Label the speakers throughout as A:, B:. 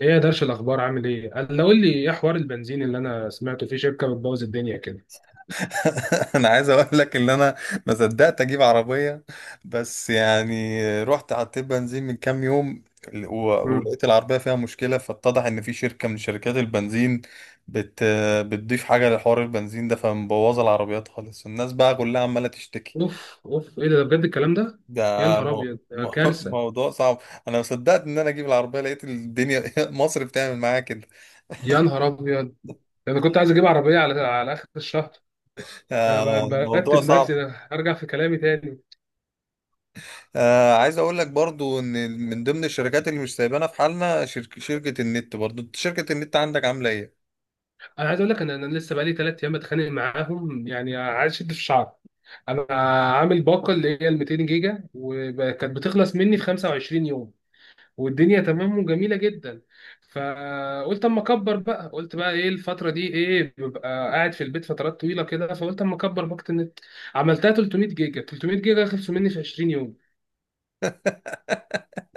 A: ايه يا درش؟ الاخبار عامل ايه؟ قول لي ايه حوار البنزين اللي انا سمعته في شركه بتبوظ الدنيا كده؟
B: انا عايز اقول لك ان انا ما صدقت اجيب عربيه. بس يعني رحت حطيت بنزين من كام يوم
A: امم.
B: ولقيت العربيه فيها مشكله، فاتضح ان في شركه من شركات البنزين بت بتضيف حاجه لحوار البنزين ده، فمبوظه العربيات خالص. الناس بقى كلها عماله تشتكي.
A: اوف اوف، ايه ده بجد الكلام ده؟
B: ده
A: يا نهار ابيض، ده كارثه.
B: موضوع صعب. انا ما صدقت ان انا اجيب العربيه، لقيت الدنيا مصر بتعمل معايا كده.
A: يا نهار ابيض. ده انا كنت عايز اجيب عربيه على اخر الشهر. انا
B: آه، موضوع
A: برتب
B: صعب.
A: نفسي، ده ارجع في كلامي تاني.
B: آه، عايز اقول لك برضو ان من ضمن الشركات اللي مش سايبانا في حالنا شركة النت. برضو انت شركة النت عندك عاملة ايه؟
A: انا عايز اقول لك، انا لسه بقالي 3 ايام بتخانق معاهم، يعني عايز اشد في الشعر. انا عامل باقه اللي هي ال 200 جيجا وكانت بتخلص مني في 25 يوم، والدنيا تمام وجميله جدا. فقلت اما اكبر بقى، قلت بقى ايه، الفتره دي ايه ببقى قاعد في البيت فترات طويله كده، فقلت اما اكبر باقه النت. عملتها 300 جيجا، 300 جيجا خلصوا مني في 20 يوم.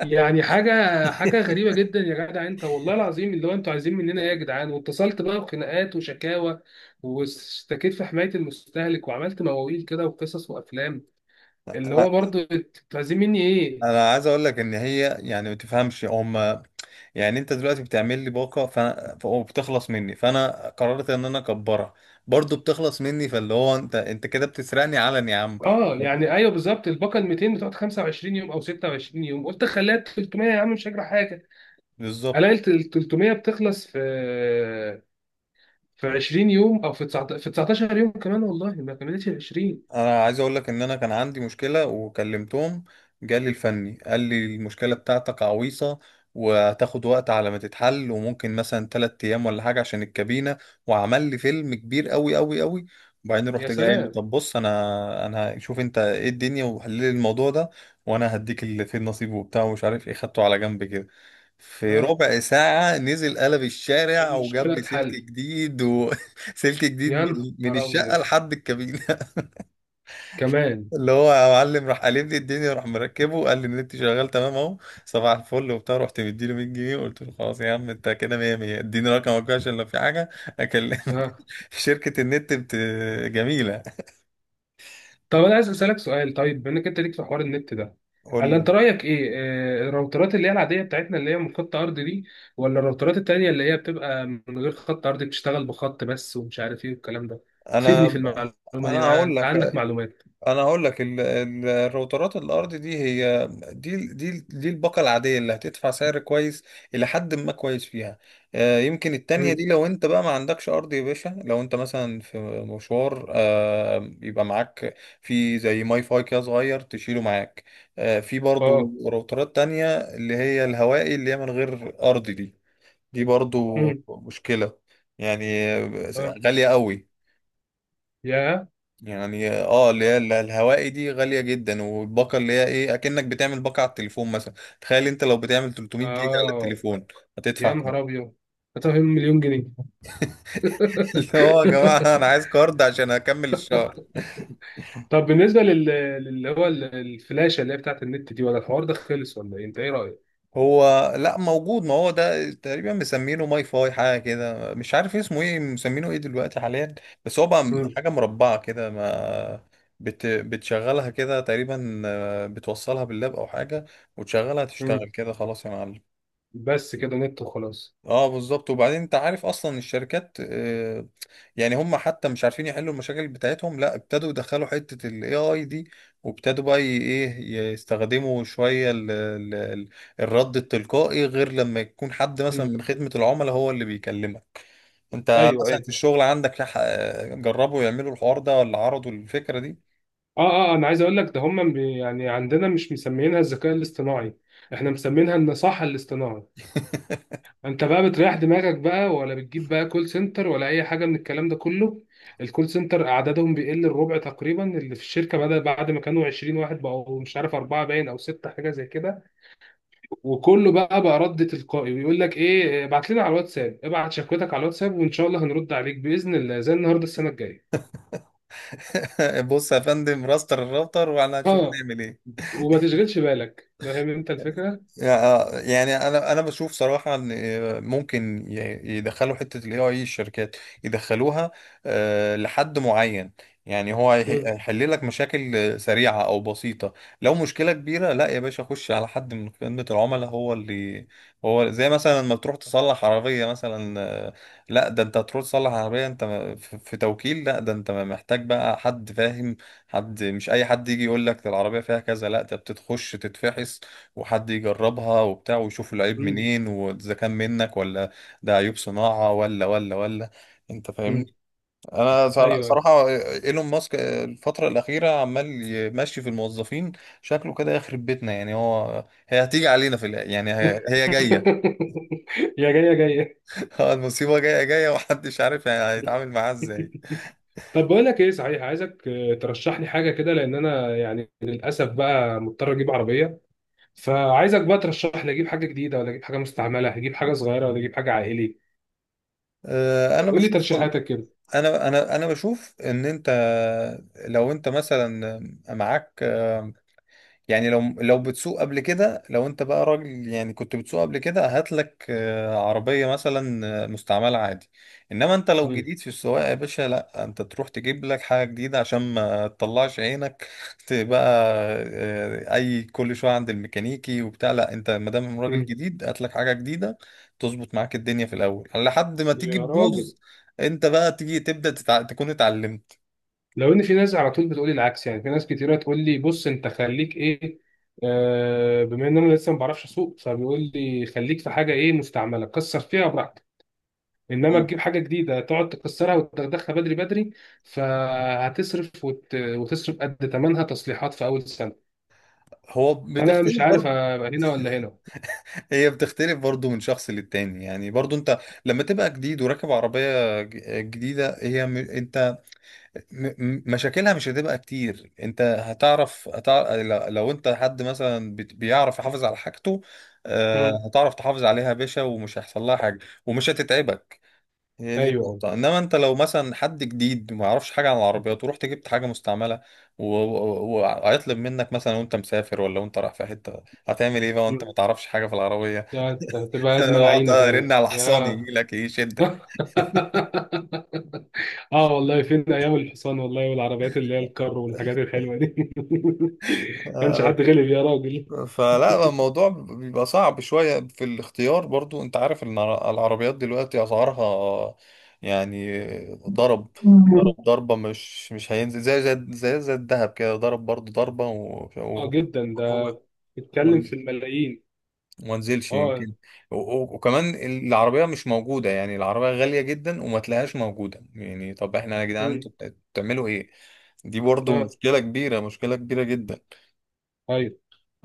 A: يعني حاجه غريبه جدا يا جدع، انت والله العظيم اللي هو انتوا عايزين مننا ايه يا جدعان؟ واتصلت بقى بخناقات وشكاوى، واشتكيت في حمايه المستهلك، وعملت مواويل كده وقصص وافلام. اللي هو
B: لا،
A: برضه انتوا عايزين مني ايه؟
B: انا عايز اقول لك ان هي يعني ما تفهمش هم. يعني انت دلوقتي بتعمل لي باقة فانا وبتخلص مني، فانا قررت ان انا اكبرها، برضو بتخلص مني. فاللي هو انت كده بتسرقني علن يا عم.
A: اه يعني ايوه، بالظبط الباقه ال 200 بتقعد 25 يوم او 26 يوم، قلت خليها 300 يا عم مش هجرى حاجه.
B: بالظبط.
A: الاقي ال 300 بتخلص في 20 يوم، او في 19 يوم كمان، والله ما كملتش ال 20.
B: انا عايز اقول لك ان انا كان عندي مشكله وكلمتهم، جالي الفني قال لي المشكله بتاعتك عويصه وهتاخد وقت على ما تتحل، وممكن مثلا 3 ايام ولا حاجه عشان الكابينه. وعمل لي فيلم كبير قوي قوي قوي. وبعدين
A: يا
B: رحت جاي قايل له
A: سلام.
B: طب بص، انا شوف انت ايه الدنيا وحل لي الموضوع ده، وانا هديك اللي فيه النصيب وبتاع ومش عارف ايه، خدته على جنب كده. في
A: اه،
B: ربع ساعه نزل قلب الشارع وجاب
A: المشكله
B: لي سلك
A: اتحل.
B: جديد، وسلك جديد، من
A: يا
B: من
A: نهار
B: الشقه
A: ابيض،
B: لحد الكابينه.
A: كمان.
B: اللي هو يا معلم راح قالب لي الدنيا، راح مركبه، قال لي النت شغال تمام اهو، صباح الفل وبتاع. رحت مديله 100 جنيه، قلت له خلاص يا عم انت كده، 100 100 اديني رقمك بقى عشان لو في حاجه
A: اه،
B: اكلمك. شركه النت جميله.
A: طب انا عايز اسالك سؤال. طيب بما انك انت ليك في حوار النت ده،
B: قول
A: هل انت
B: لي.
A: رايك ايه؟ الراوترات اللي هي العاديه بتاعتنا اللي هي من خط ارضي دي، ولا الراوترات التانيه اللي هي بتبقى من غير خط ارضي، بتشتغل بخط بس ومش عارف ايه والكلام ده؟ فيدني في
B: انا
A: المعلومه دي،
B: انا
A: انا
B: هقول
A: انت
B: لك
A: عندك معلومات.
B: انا هقول لك، الراوترات الارضي دي هي دي الباقه العاديه اللي هتدفع سعر كويس، الى حد ما كويس فيها. آه، يمكن التانية
A: مم.
B: دي لو انت بقى ما عندكش ارض يا باشا، لو انت مثلا في مشوار، آه، يبقى معاك في زي ماي فاي كده صغير تشيله معاك. آه، في برضو
A: اه.
B: راوترات تانية اللي هي الهوائي، اللي هي من غير ارض دي. دي برضو
A: مم.
B: مشكلة. يعني آه،
A: اه
B: غالية قوي.
A: يا...
B: يعني اه اللي هي الهوائي دي غالية جدا، والباقة اللي هي ايه، اكنك بتعمل باقة على التليفون مثلا. تخيل انت لو بتعمل 300 جيجا على
A: اه
B: التليفون هتدفع
A: يا
B: كام؟
A: نهار ابيض، هتفهم مليون جنيه.
B: اللي هو يا جماعة انا عايز كارد عشان اكمل الشهر.
A: طب بالنسبه اللي هو الفلاشه اللي هي بتاعت النت دي، ولا الحوار ده خلص ولا ايه انت ايه رايك؟
B: هو لا موجود، ما هو ده تقريبا مسمينه ماي فاي، حاجة كده مش عارف اسمه ايه، مسمينه ايه دلوقتي حاليا. بس هو بقى
A: مم.
B: حاجة مربعة كده، ما بتشغلها كده تقريبا، آه، بتوصلها باللاب او حاجة وتشغلها
A: مم.
B: تشتغل كده، خلاص يا معلم.
A: بس كده نت وخلاص.
B: اه بالظبط. وبعدين انت عارف اصلا الشركات آه، يعني هم حتى مش عارفين يحلوا المشاكل بتاعتهم، لا ابتدوا يدخلوا حتة الاي اي دي، وابتدوا بقى ايه يستخدموا شوية ال الرد التلقائي، غير لما يكون حد مثلا
A: مم.
B: من خدمة العملاء هو اللي بيكلمك. انت
A: ايوه
B: مثلا
A: ايوه.
B: في الشغل عندك جربوا يعملوا الحوار ده ولا عرضوا الفكرة دي؟
A: اه اه. انا عايز اقول لك، ده هم يعني عندنا مش مسميينها الذكاء الاصطناعي، احنا مسمينها النصاحه الاصطناعي. انت بقى بتريح دماغك بقى ولا بتجيب بقى كول سنتر، ولا اي حاجه من الكلام ده كله؟ الكول سنتر اعدادهم بيقل الربع تقريبا، اللي في الشركه بدأ بعد ما كانوا 20 واحد، بقوا مش عارف اربعه باين او سته حاجه زي كده، وكله بقى رد تلقائي، ويقول لك ايه ابعت لنا على الواتساب، ابعت شكوتك على الواتساب، وان شاء الله هنرد عليك باذن الله زي النهارده السنه الجايه.
B: بص يا فندم، الراوتر واحنا هنشوف
A: اه،
B: هنعمل ايه.
A: وما تشغلش بالك، فاهم انت الفكره.
B: آه، يعني انا بشوف صراحه ان آه، ممكن يدخلوا حته الاي اي الشركات، يدخلوها آه، لحد معين. يعني هو
A: مم.
B: هيحل لك مشاكل آه، سريعه او بسيطه. لو مشكله كبيره لا يا باشا، خش على حد من خدمه العملاء هو اللي، هو زي مثلا لما تروح تصلح عربيه مثلا، آه، لا ده انت تروح تصلح عربيه، انت في توكيل، لا ده انت محتاج بقى حد فاهم. حد مش اي حد يجي يقول لك ده العربيه فيها كذا، لا ده بتتخش تتفحص وحد يجربها وبتاع، ويشوف العيب
A: مم.
B: منين واذا كان منك ولا ده عيوب صناعة ولا. انت فاهمني.
A: مم.
B: انا
A: ايوه.
B: صراحة ايلون ماسك الفترة الأخيرة عمال يمشي في الموظفين، شكله كده يخرب بيتنا. يعني هي هتيجي علينا، يعني هي جاية.
A: يا جاي يا جاي.
B: آه، المصيبة جاية جاية، ومحدش عارف يعني هيتعامل معاها ازاي.
A: طب بقول لك ايه صحيح، عايزك ترشح لي حاجه كده، لان انا يعني للاسف بقى مضطر اجيب عربيه. فعايزك بقى ترشح لي، اجيب حاجه جديده ولا اجيب حاجه مستعمله، اجيب حاجه صغيره ولا اجيب حاجه عائلي.
B: آه، انا
A: قول لي
B: بشوف
A: ترشيحاتك كده.
B: انا بشوف ان انت، لو انت مثلا معاك، يعني لو بتسوق قبل كده، لو انت بقى راجل يعني كنت بتسوق قبل كده، هات لك آه، عربية مثلا آه، مستعملة عادي. انما انت لو
A: مم.
B: جديد في السواقة يا باشا، لا انت تروح تجيب لك حاجة جديدة عشان ما تطلعش عينك تبقى آه، اي كل شوية عند الميكانيكي وبتاع. لا انت ما دام راجل
A: مم.
B: جديد هات لك حاجة جديدة، تظبط معاك الدنيا في الاول لحد ما تيجي
A: يا راجل،
B: تبوظ، انت بقى تيجي تبدأ تكون اتعلمت.
A: لو ان في ناس على طول بتقولي العكس. يعني في ناس كتيره تقول لي بص، انت خليك ايه، بما ان انا لسه ما بعرفش اسوق، فبيقول لي خليك في حاجه ايه مستعمله، كسر فيها براحتك. انما تجيب حاجه جديده تقعد تكسرها وتدخلها بدري بدري، فهتصرف وتصرف قد ثمنها تصليحات في اول سنه.
B: هو
A: فانا مش
B: بتختلف
A: عارف
B: برضه،
A: ابقى هنا ولا هنا.
B: هي بتختلف برضو من شخص للتاني. يعني برضو انت لما تبقى جديد وراكب عربية جديدة، هي انت مشاكلها مش هتبقى كتير. انت هتعرف. لو انت حد مثلا بيعرف يحافظ على حاجته،
A: مم.
B: آه، هتعرف تحافظ عليها يا باشا، ومش هيحصل لها حاجة ومش هتتعبك. هي دي
A: ايوه.
B: النقطة. انما انت لو مثلا حد جديد ما يعرفش حاجة عن العربيات ورحت جبت حاجة مستعملة، وهيطلب منك مثلا وانت مسافر، ولا وانت رايح في حتة، هتعمل ايه بقى وانت ما
A: مم.
B: تعرفش حاجة في العربية؟
A: ده هتبقى ازمه
B: اقعد
A: لعينه فعلا
B: ارن على حصاني
A: يا...
B: يجي لك يشدك.
A: اه والله، فين ايام الحصان والله، والعربيات اللي هي الكار والحاجات الحلوه دي. كانش حد غلب يا راجل؟
B: فلا الموضوع بيبقى صعب شوية في الاختيار. برضو انت عارف ان العربيات دلوقتي اسعارها يعني ضرب
A: مم.
B: ضربة، مش هينزل زي الذهب كده، ضرب برضو ضربة
A: اه جدا
B: هو،
A: ده، بيتكلم
B: وما
A: في الملايين.
B: انزلش
A: اه.
B: يمكن، وكمان العربية مش موجودة، يعني العربية غالية جدا وما تلاقيهاش موجودة. يعني طب احنا يا جدعان
A: مم.
B: انتوا بتعملوا ايه؟ دي برضو
A: اه.
B: مشكلة كبيرة، مشكلة كبيرة جدا.
A: ايوه.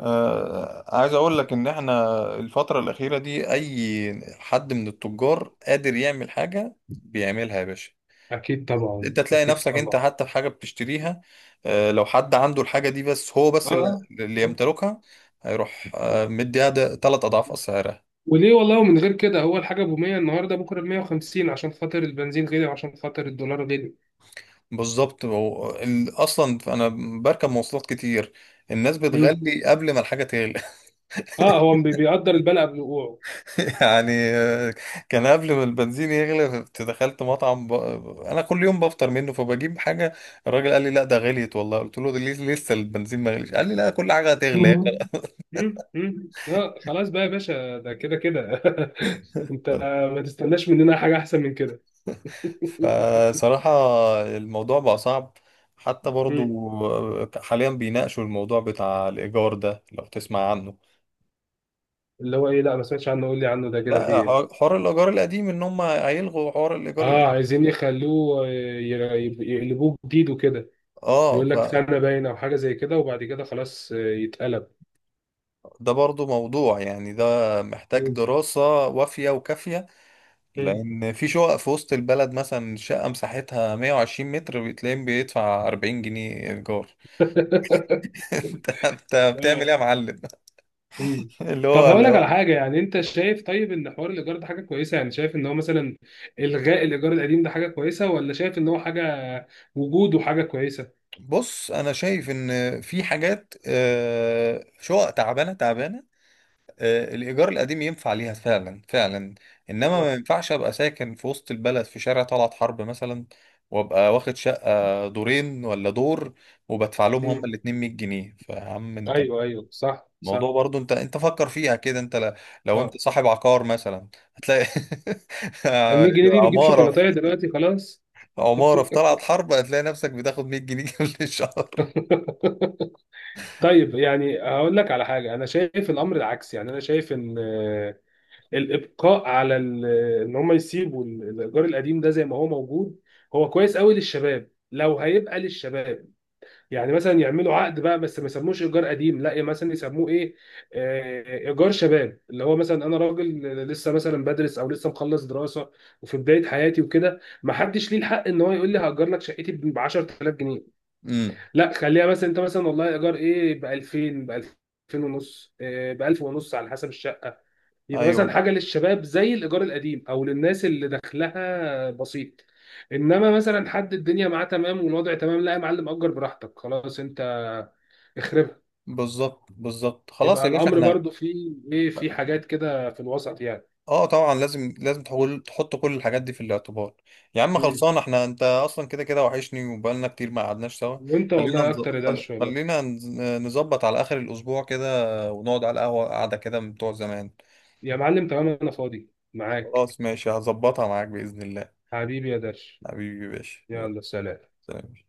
B: آه، عايز اقول لك ان احنا الفترة الأخيرة دي اي حد من التجار قادر يعمل حاجة بيعملها يا باشا.
A: اكيد طبعا،
B: انت تلاقي
A: اكيد
B: نفسك انت
A: طبعا.
B: حتى في حاجة بتشتريها، آه، لو حد عنده الحاجة دي بس، هو
A: اه.
B: بس اللي
A: آه.
B: اللي
A: آه.
B: يمتلكها هيروح آه، مديها ده 3 اضعاف اسعارها.
A: وليه؟ والله من غير كده اول حاجه ب 100، النهارده بكره ب 150، عشان خاطر البنزين غلي وعشان خاطر الدولار غلي.
B: بالظبط. هو اصلا انا بركب مواصلات كتير، الناس
A: مم.
B: بتغلي قبل ما الحاجة تغلي.
A: اه، هو بيقدر البلع بوقوعه.
B: يعني آه، كان قبل ما البنزين يغلى كنت دخلت مطعم انا كل يوم بفطر منه فبجيب حاجه. الراجل قال لي لا ده غليت والله، قلت له ده ليه لسه البنزين ما غليش، قال لي لا كل حاجه هتغلى.
A: مم. مم، مم. لا خلاص بقى يا باشا، ده كده كده. انت ما تستناش مننا حاجه احسن من كده.
B: فصراحه الموضوع بقى صعب. حتى
A: مم.
B: برضو آه، حاليا بيناقشوا الموضوع بتاع الايجار ده لو تسمع عنه.
A: اللي هو ايه؟ لا ما سمعتش عنه، قول لي عنه ده كده في
B: لا
A: ايه؟
B: حوار الايجار القديم، ان هم هيلغوا حوار الايجار
A: اه،
B: القديم.
A: عايزين يخلوه، يقلبوه جديد وكده.
B: اه
A: يقول لك
B: فده
A: سنه باينه او حاجه زي كده، وبعد كده خلاص يتقلب.
B: برضو موضوع، يعني ده محتاج
A: مم.
B: دراسه وافيه وكافيه،
A: مم.
B: لان في شقق في وسط البلد مثلا، شقه مساحتها 120 متر بتلاقيه بيدفع 40 جنيه ايجار. انت بتعمل ايه
A: اه.
B: يا معلم؟
A: مم.
B: اللي
A: طب
B: هو
A: هقول
B: اللي
A: لك
B: هو
A: على حاجه، يعني انت شايف طيب ان حوار الايجار ده حاجه كويسه؟ يعني شايف ان هو مثلا الغاء الايجار القديم ده حاجه كويسه، ولا شايف ان هو حاجه وجوده حاجه كويسه؟
B: بص انا شايف ان في حاجات آه، شقق تعبانه تعبانه، آه، الايجار القديم ينفع ليها فعلا فعلا. انما ما
A: اه.
B: ينفعش ابقى ساكن في وسط البلد في شارع طلعت حرب مثلا، وابقى واخد شقه دورين ولا دور وبدفع لهم
A: مم.
B: هما الاتنين 100 جنيه، فعم انت
A: ايوه ايوه. صح
B: الموضوع
A: صح.
B: برضو، انت فكر فيها كده. انت لو انت
A: اه.
B: صاحب عقار مثلا، هتلاقي
A: ال 100 جنيه دي بتجيب
B: عمارة
A: شوكولاتايه
B: في
A: دلوقتي خلاص.
B: عمارة في طلعت حرب هتلاقي نفسك بتاخد 100 جنيه كل شهر.
A: طيب يعني هقول لك على حاجه، انا شايف الامر العكسي. يعني انا شايف ان الابقاء على ان هم يسيبوا الايجار القديم ده زي ما هو موجود، هو كويس قوي للشباب لو هيبقى للشباب. يعني مثلا يعملوا عقد بقى بس ما يسموش ايجار قديم، لا يعني مثلا يسموه ايه، ايجار شباب. اللي هو مثلا انا راجل لسه مثلا بدرس، او لسه مخلص دراسه وفي بدايه حياتي وكده، ما حدش ليه الحق ان هو يقول لي هاجر لك شقتي ب 10000 جنيه.
B: امم
A: لا خليها مثلا، انت مثلا والله ايجار ايه ب 2000، ب 2000 ونص، ب 1000 ونص على حسب الشقه. يبقى
B: ايوه
A: مثلا حاجه للشباب زي الايجار القديم، او للناس اللي دخلها بسيط. انما مثلا حد الدنيا معاه تمام والوضع تمام، لا يا معلم اجر براحتك خلاص، انت اخربها.
B: بالظبط بالظبط. خلاص
A: يبقى
B: يا باشا
A: الامر
B: احنا،
A: برضو فيه ايه، في حاجات كده في الوسط يعني.
B: اه طبعا لازم لازم تحط كل الحاجات دي في الاعتبار. يا عم
A: مم.
B: خلصان احنا، انت اصلا كده كده وحشني وبقالنا كتير ما قعدناش سوا.
A: وانت
B: خلينا
A: والله
B: نز...
A: اكتر يا
B: خل-
A: درش والله.
B: خلينا نز- نظبط على اخر الاسبوع كده ونقعد على القهوة قعدة كده من بتوع زمان.
A: يا معلم تمام، انا فاضي معاك.
B: خلاص ماشي، هظبطها معاك بإذن الله.
A: حبيبي يا درش.
B: حبيبي يا باشا، يلا
A: يلا، سلام.
B: سلام.